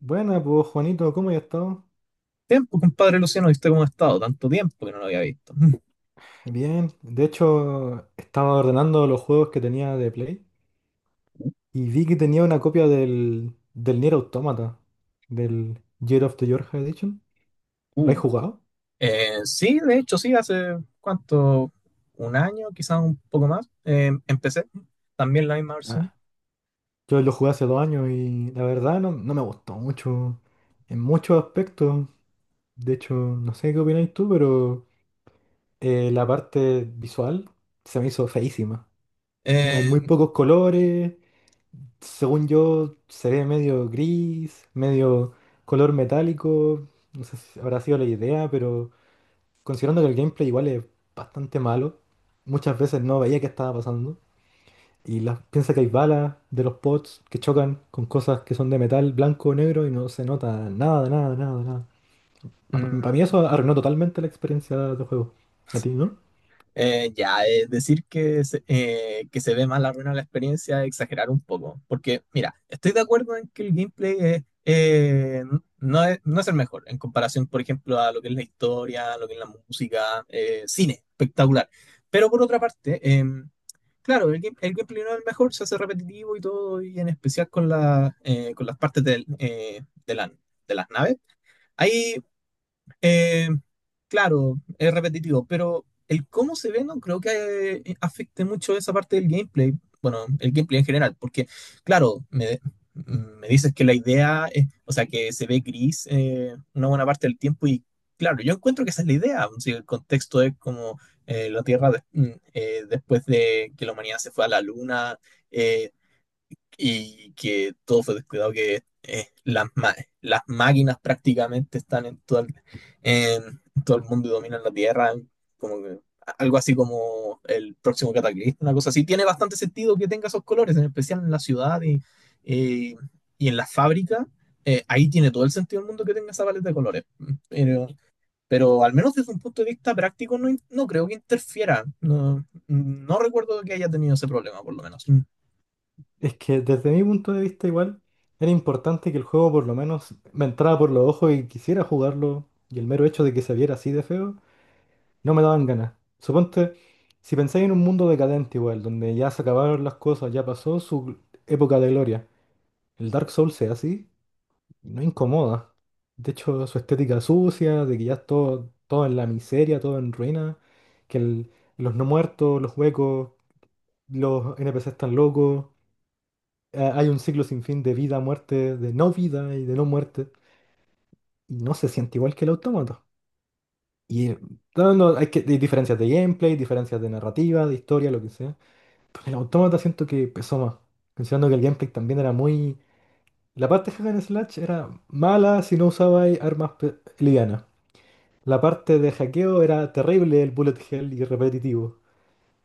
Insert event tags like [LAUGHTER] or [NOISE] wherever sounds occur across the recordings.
Buena, pues Juanito, ¿cómo has estado? Tiempo, compadre Luciano, ¿viste cómo ha estado? Tanto tiempo que no lo había visto. Bien, de hecho estaba ordenando los juegos que tenía de Play y vi que tenía una copia del Nier Automata, del Year of the Georgia Edition. ¿Lo has Uh, jugado? Sí, de hecho, sí, hace cuánto, un año, quizás un poco más, empecé también la misma versión. Ah, yo lo jugué hace 2 años y la verdad no, no me gustó mucho en muchos aspectos. De hecho, no sé qué opináis tú, pero la parte visual se me hizo feísima. Hay muy Eh, pocos colores. Según yo, se ve medio gris, medio color metálico. No sé si habrá sido la idea, pero considerando que el gameplay igual es bastante malo, muchas veces no veía qué estaba pasando. Y piensa que hay balas de los pods que chocan con cosas que son de metal blanco o negro y no se nota nada, nada, nada, nada. Para mí mm, eso arruinó totalmente la experiencia de juego. ¿A ti, no? Ya, decir que se ve más la ruina de la experiencia es exagerar un poco, porque mira, estoy de acuerdo en que el gameplay es, no es el mejor en comparación, por ejemplo, a lo que es la historia, a lo que es la música, cine, espectacular. Pero por otra parte, claro, el gameplay no es el mejor, se hace repetitivo y todo, y en especial con, con las partes de las naves. Hay eh, claro, es repetitivo, pero el cómo se ve no creo que afecte mucho esa parte del gameplay. Bueno, el gameplay en general, porque, claro, me, me dices que la idea es, o sea, que se ve gris una buena parte del tiempo y, claro, yo encuentro que esa es la idea. Si el contexto es como la Tierra de- mm, después de que la humanidad se fue a la Luna, eh, y que todo fue descuidado, que las máquinas prácticamente están en todo, en todo el mundo y dominan la Tierra, como que algo así como el próximo cataclismo, una cosa así. Tiene bastante sentido que tenga esos colores, en especial en la ciudad eh, y en la fábrica. Ahí tiene todo el sentido del mundo que tenga esa paleta de colores. Pero, pero al menos desde un punto de vista práctico no, no creo que interfiera. No, no recuerdo que haya tenido ese problema, por lo menos. Es que desde mi punto de vista igual era importante que el juego por lo menos me entrara por los ojos y quisiera jugarlo, y el mero hecho de que se viera así de feo no me daban ganas. Suponte, si pensáis en un mundo decadente igual, donde ya se acabaron las cosas, ya pasó su época de gloria, el Dark Souls sea así, no incomoda. De hecho, su estética sucia, de que ya es todo, todo en la miseria, todo en ruina, que los no muertos, los huecos, los NPC están locos, hay un ciclo sin fin de vida, muerte, de no vida y de no muerte, y no se siente igual que el autómata. Y no, no, hay diferencias de gameplay, diferencias de narrativa, de historia, lo que sea. Pero el autómata siento que pesó más, considerando que el gameplay también era muy... La parte de hack and slash era mala si no usabais armas livianas. La parte de hackeo era terrible, el bullet hell y repetitivo.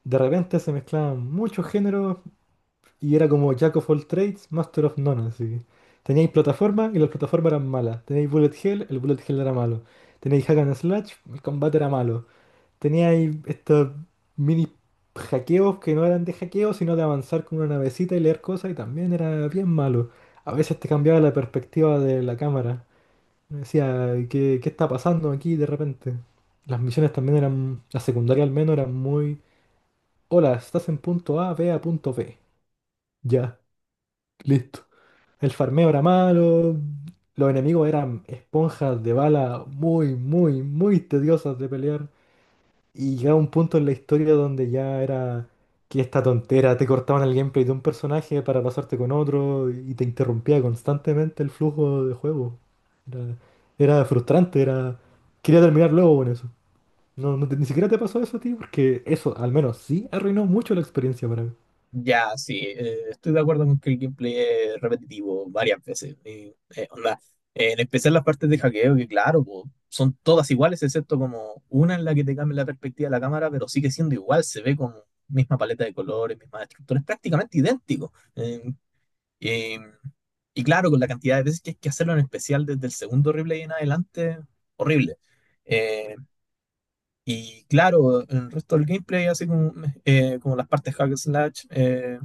De repente se mezclaban muchos géneros y era como Jack of all trades, master of none, así. Teníais plataforma y las plataformas eran malas. Teníais bullet hell, el bullet hell era malo. Teníais hack and slash, el combate era malo. Teníais estos mini hackeos que no eran de hackeo, sino de avanzar con una navecita y leer cosas, y también era bien malo. A veces te cambiaba la perspectiva de la cámara. Me decía, ¿qué está pasando aquí de repente? Las misiones también eran, la secundaria al menos, eran muy... Hola, estás en punto A, ve a punto B. Ya, listo. El farmeo era malo, los enemigos eran esponjas de bala muy, muy, muy tediosas de pelear. Y llegaba un punto en la historia donde ya era que esta tontera, te cortaban el gameplay de un personaje para pasarte con otro y te interrumpía constantemente el flujo de juego. Era, era frustrante, era... Quería terminar luego con eso. No, ni siquiera te pasó eso a ti, porque eso al menos sí arruinó mucho la experiencia para mí. Ya, sí, estoy de acuerdo con que el gameplay es repetitivo varias veces, y, onda, en especial las partes de hackeo, que claro, po, son todas iguales, excepto como una en la que te cambia la perspectiva de la cámara, pero sigue siendo igual, se ve con misma paleta de colores, misma estructura, es prácticamente idéntico. Eh, y claro, con la cantidad de veces que hay que hacerlo en especial desde el segundo replay en adelante, horrible. Eh, y claro, el resto del gameplay, así como, como las partes hack and slash,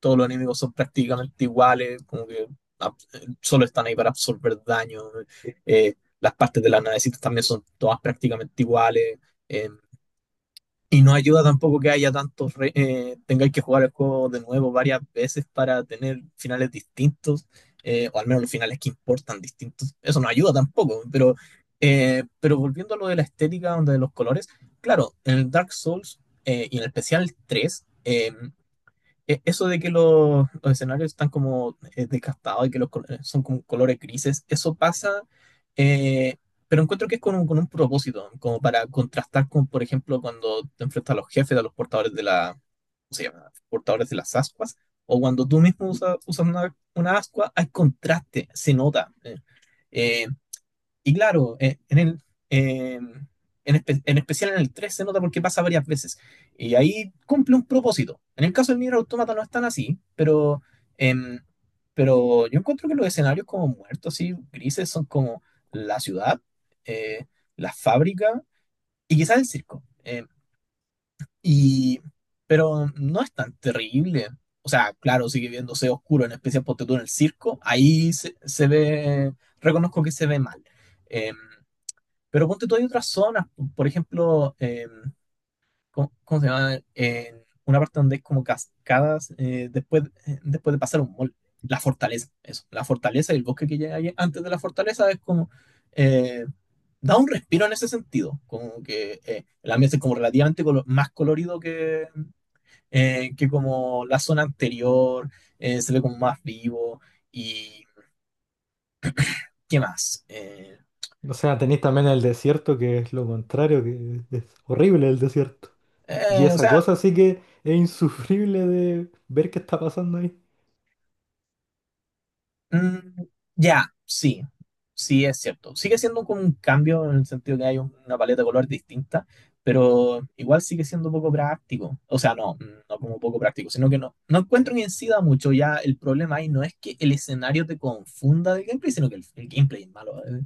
todos los enemigos son prácticamente iguales, como que solo están ahí para absorber daño. eh, las partes de las navecitas también son todas prácticamente iguales. eh, y no ayuda tampoco que haya tantos, tengáis que jugar el juego de nuevo varias veces para tener finales distintos, o al menos los finales que importan distintos. Eso no ayuda tampoco, pero volviendo a lo de la estética, de los colores, claro, en el Dark Souls y en el especial 3 eso de que los escenarios están como desgastados y que los colores son con colores grises, eso pasa, eh, pero encuentro que es con con un propósito, como para contrastar con, por ejemplo, cuando te enfrentas a los jefes, a los portadores de la, ¿cómo se llama? Portadores de las ascuas, o cuando tú mismo usas una ascua, hay contraste, se nota. Eh, y claro, eh, en, en especial en el 3 se nota porque pasa varias veces. Y ahí cumple un propósito. En el caso del Nier Automata no es tan así, em, pero yo encuentro que los escenarios como muertos, así, grises, son como la ciudad, eh, la fábrica y quizás el circo. Y, pero no es tan terrible. O sea, claro, sigue viéndose oscuro, en especial porque tú en el circo, ahí se ve, reconozco que se ve mal. Em, pero ponte tú, hay otras zonas, por ejemplo, cómo se llama? En una parte donde hay como cascadas después de pasar un mall. La fortaleza, eso. La fortaleza y el bosque que llega ahí antes de la fortaleza es como... eh, da un respiro en ese sentido, como que el ambiente es como relativamente más colorido que como la zona anterior, se ve como más vivo y qué más. O sea, tenéis también el desierto, que es lo contrario, que es horrible el desierto. Y eh, o esa sea, cosa sí que es insufrible de ver qué está pasando ahí. Mm, ya, sí, sí es cierto. Sigue siendo como un cambio en el sentido que hay una paleta de color distinta, pero igual sigue siendo poco práctico. O sea, no, mm, no como poco práctico, sino que no, no encuentro que incida mucho. Ya el problema ahí no es que el escenario te confunda del gameplay, sino que el gameplay es malo.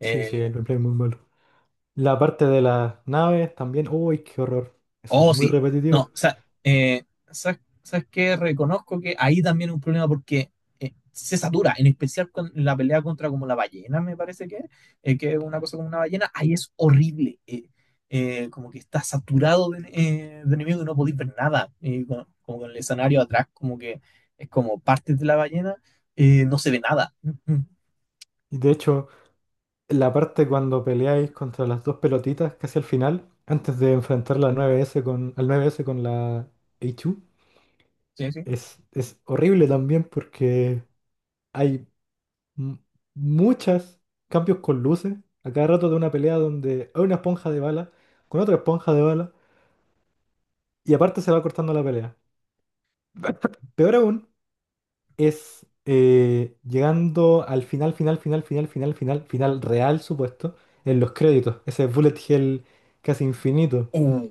Sí, sí, Eh, el replay es muy malo. La parte de las naves también. Uy, qué horror. Eso es Oh, muy sí. No, o repetitivo. sea, eh, sabes qué? Reconozco que ahí también es un problema porque se satura, en especial con la pelea contra como la ballena, me parece que es una cosa como una ballena, ahí es horrible. Como que está saturado de enemigos y no podéis ver nada. Y como con el escenario atrás, como que es como parte de la ballena, no se ve nada. [LAUGHS] Y de hecho, la parte cuando peleáis contra las dos pelotitas casi al final, antes de enfrentar la 9S con, al 9S con la H2, Sí, sí. es horrible también porque hay m- muchos cambios con luces. A cada rato de una pelea donde hay una esponja de bala con otra esponja de bala, y aparte se va cortando la pelea. Peor aún es llegando al final, final, final, final, final, final, final real, supuesto, en los créditos. Ese bullet hell casi infinito. Uh.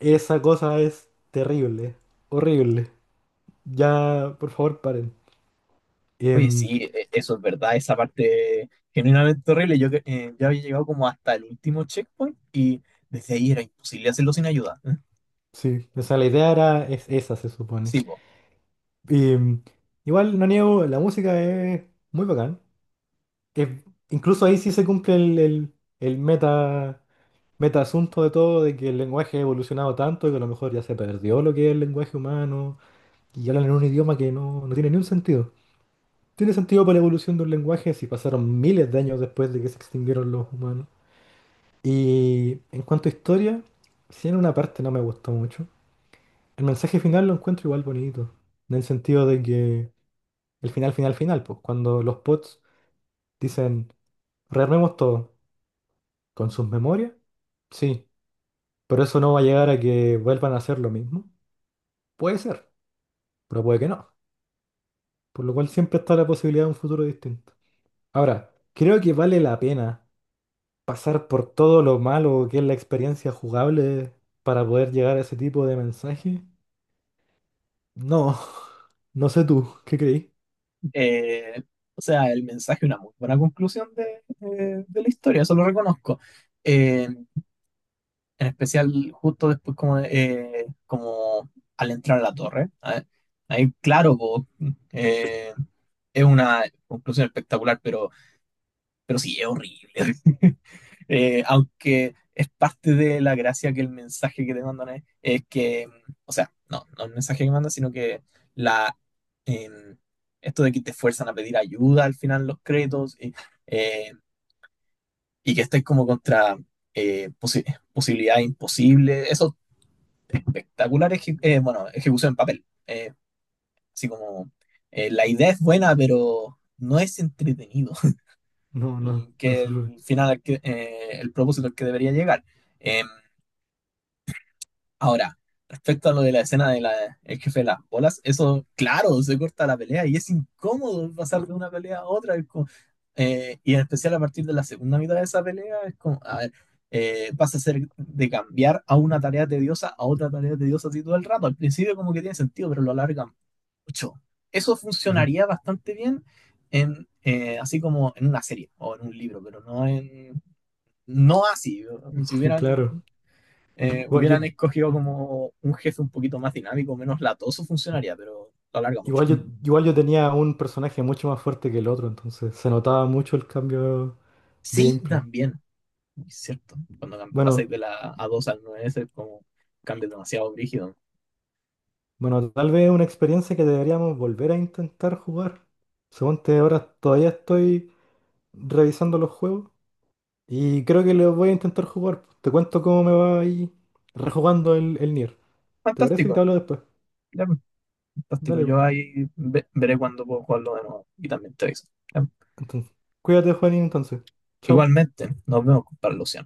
Esa cosa es terrible, horrible. Ya, por favor, paren. Oye, Em, sí, eso es verdad, esa parte genuinamente horrible. Yo, yo había llegado como hasta el último checkpoint y desde ahí era imposible hacerlo sin ayuda. ¿Eh? sí, o sea, la idea era es esa, se supone. Sí, po. Y, igual, no niego, la música es muy bacán. Es- incluso ahí sí se cumple el meta, meta asunto de todo, de que el lenguaje ha evolucionado tanto que a lo mejor ya se perdió lo que es el lenguaje humano y hablan en un idioma que no, no tiene ni un sentido. Tiene sentido para la evolución de un lenguaje si pasaron miles de años después de que se extinguieron los humanos. Y en cuanto a historia, sí, en una parte no me gustó mucho, el mensaje final lo encuentro igual bonito, en el sentido de que el final, final, final, pues cuando los bots dicen, rearmemos todo con sus memorias, sí, pero eso no va a llegar a que vuelvan a hacer lo mismo. Puede ser, pero puede que no. Por lo cual siempre está la posibilidad de un futuro distinto. Ahora, creo que vale la pena pasar por todo lo malo que es la experiencia jugable para poder llegar a ese tipo de mensaje. No, [LAUGHS] no sé tú, ¿qué creí? Eh, o sea, el mensaje, una muy buena conclusión de la historia, eso lo reconozco. Eh, en especial justo después como, como al entrar a la torre. ¿Eh? Ahí, claro, po, eh, es una conclusión espectacular, pero sí, es horrible. [LAUGHS] Aunque es parte de la gracia que el mensaje que te mandan es que, o sea, no, no el mensaje que mandan, sino que la, em, esto de que te fuerzan a pedir ayuda al final los créditos eh, y que estés como contra eh, posi- posibilidad imposible, eso espectacular, bueno, ejecución en papel. Así como la idea es buena, pero no es entretenido. [LAUGHS] No, no, El, no que sé. el final, al que, el propósito al que debería llegar. Eh, Ahora, respecto a lo de la escena de la, el jefe de las bolas, eso, claro, se corta la pelea y es incómodo pasar de una pelea a otra. Y en especial a partir de la segunda mitad de esa pelea, es como, a ver, vas a ser de cambiar a una tarea tediosa a otra tarea tediosa así todo el rato. Al principio como que tiene sentido, pero lo alargan mucho. Eso funcionaría [LAUGHS] bastante bien en, así como en una serie o en un libro, pero no en... No así, si Claro. hubieran Igual yo, hubieran escogido como un jefe un poquito más dinámico, menos latoso, funcionaría, pero lo alarga mucho. igual Mm. yo, igual yo tenía un personaje mucho más fuerte que el otro, entonces se notaba mucho el cambio de Sí, gameplay. también, es cierto. Cuando pasáis Bueno, de la A2 al 9 es como cambia demasiado brígido. bueno, tal vez es una experiencia que deberíamos volver a intentar jugar. Según Suponte ahora todavía estoy revisando los juegos y creo que los voy a intentar jugar. Te cuento cómo me va ahí rejugando el Nier. ¿Te parece? Y te Fantástico, hablo después. ya, pues, fantástico. Dale. Yo Pues. ahí veré cuando puedo jugarlo de nuevo y también te aviso. Ya. Entonces, cuídate, Juanín, entonces. Chao. Igualmente, nos vemos, compadre Luciano.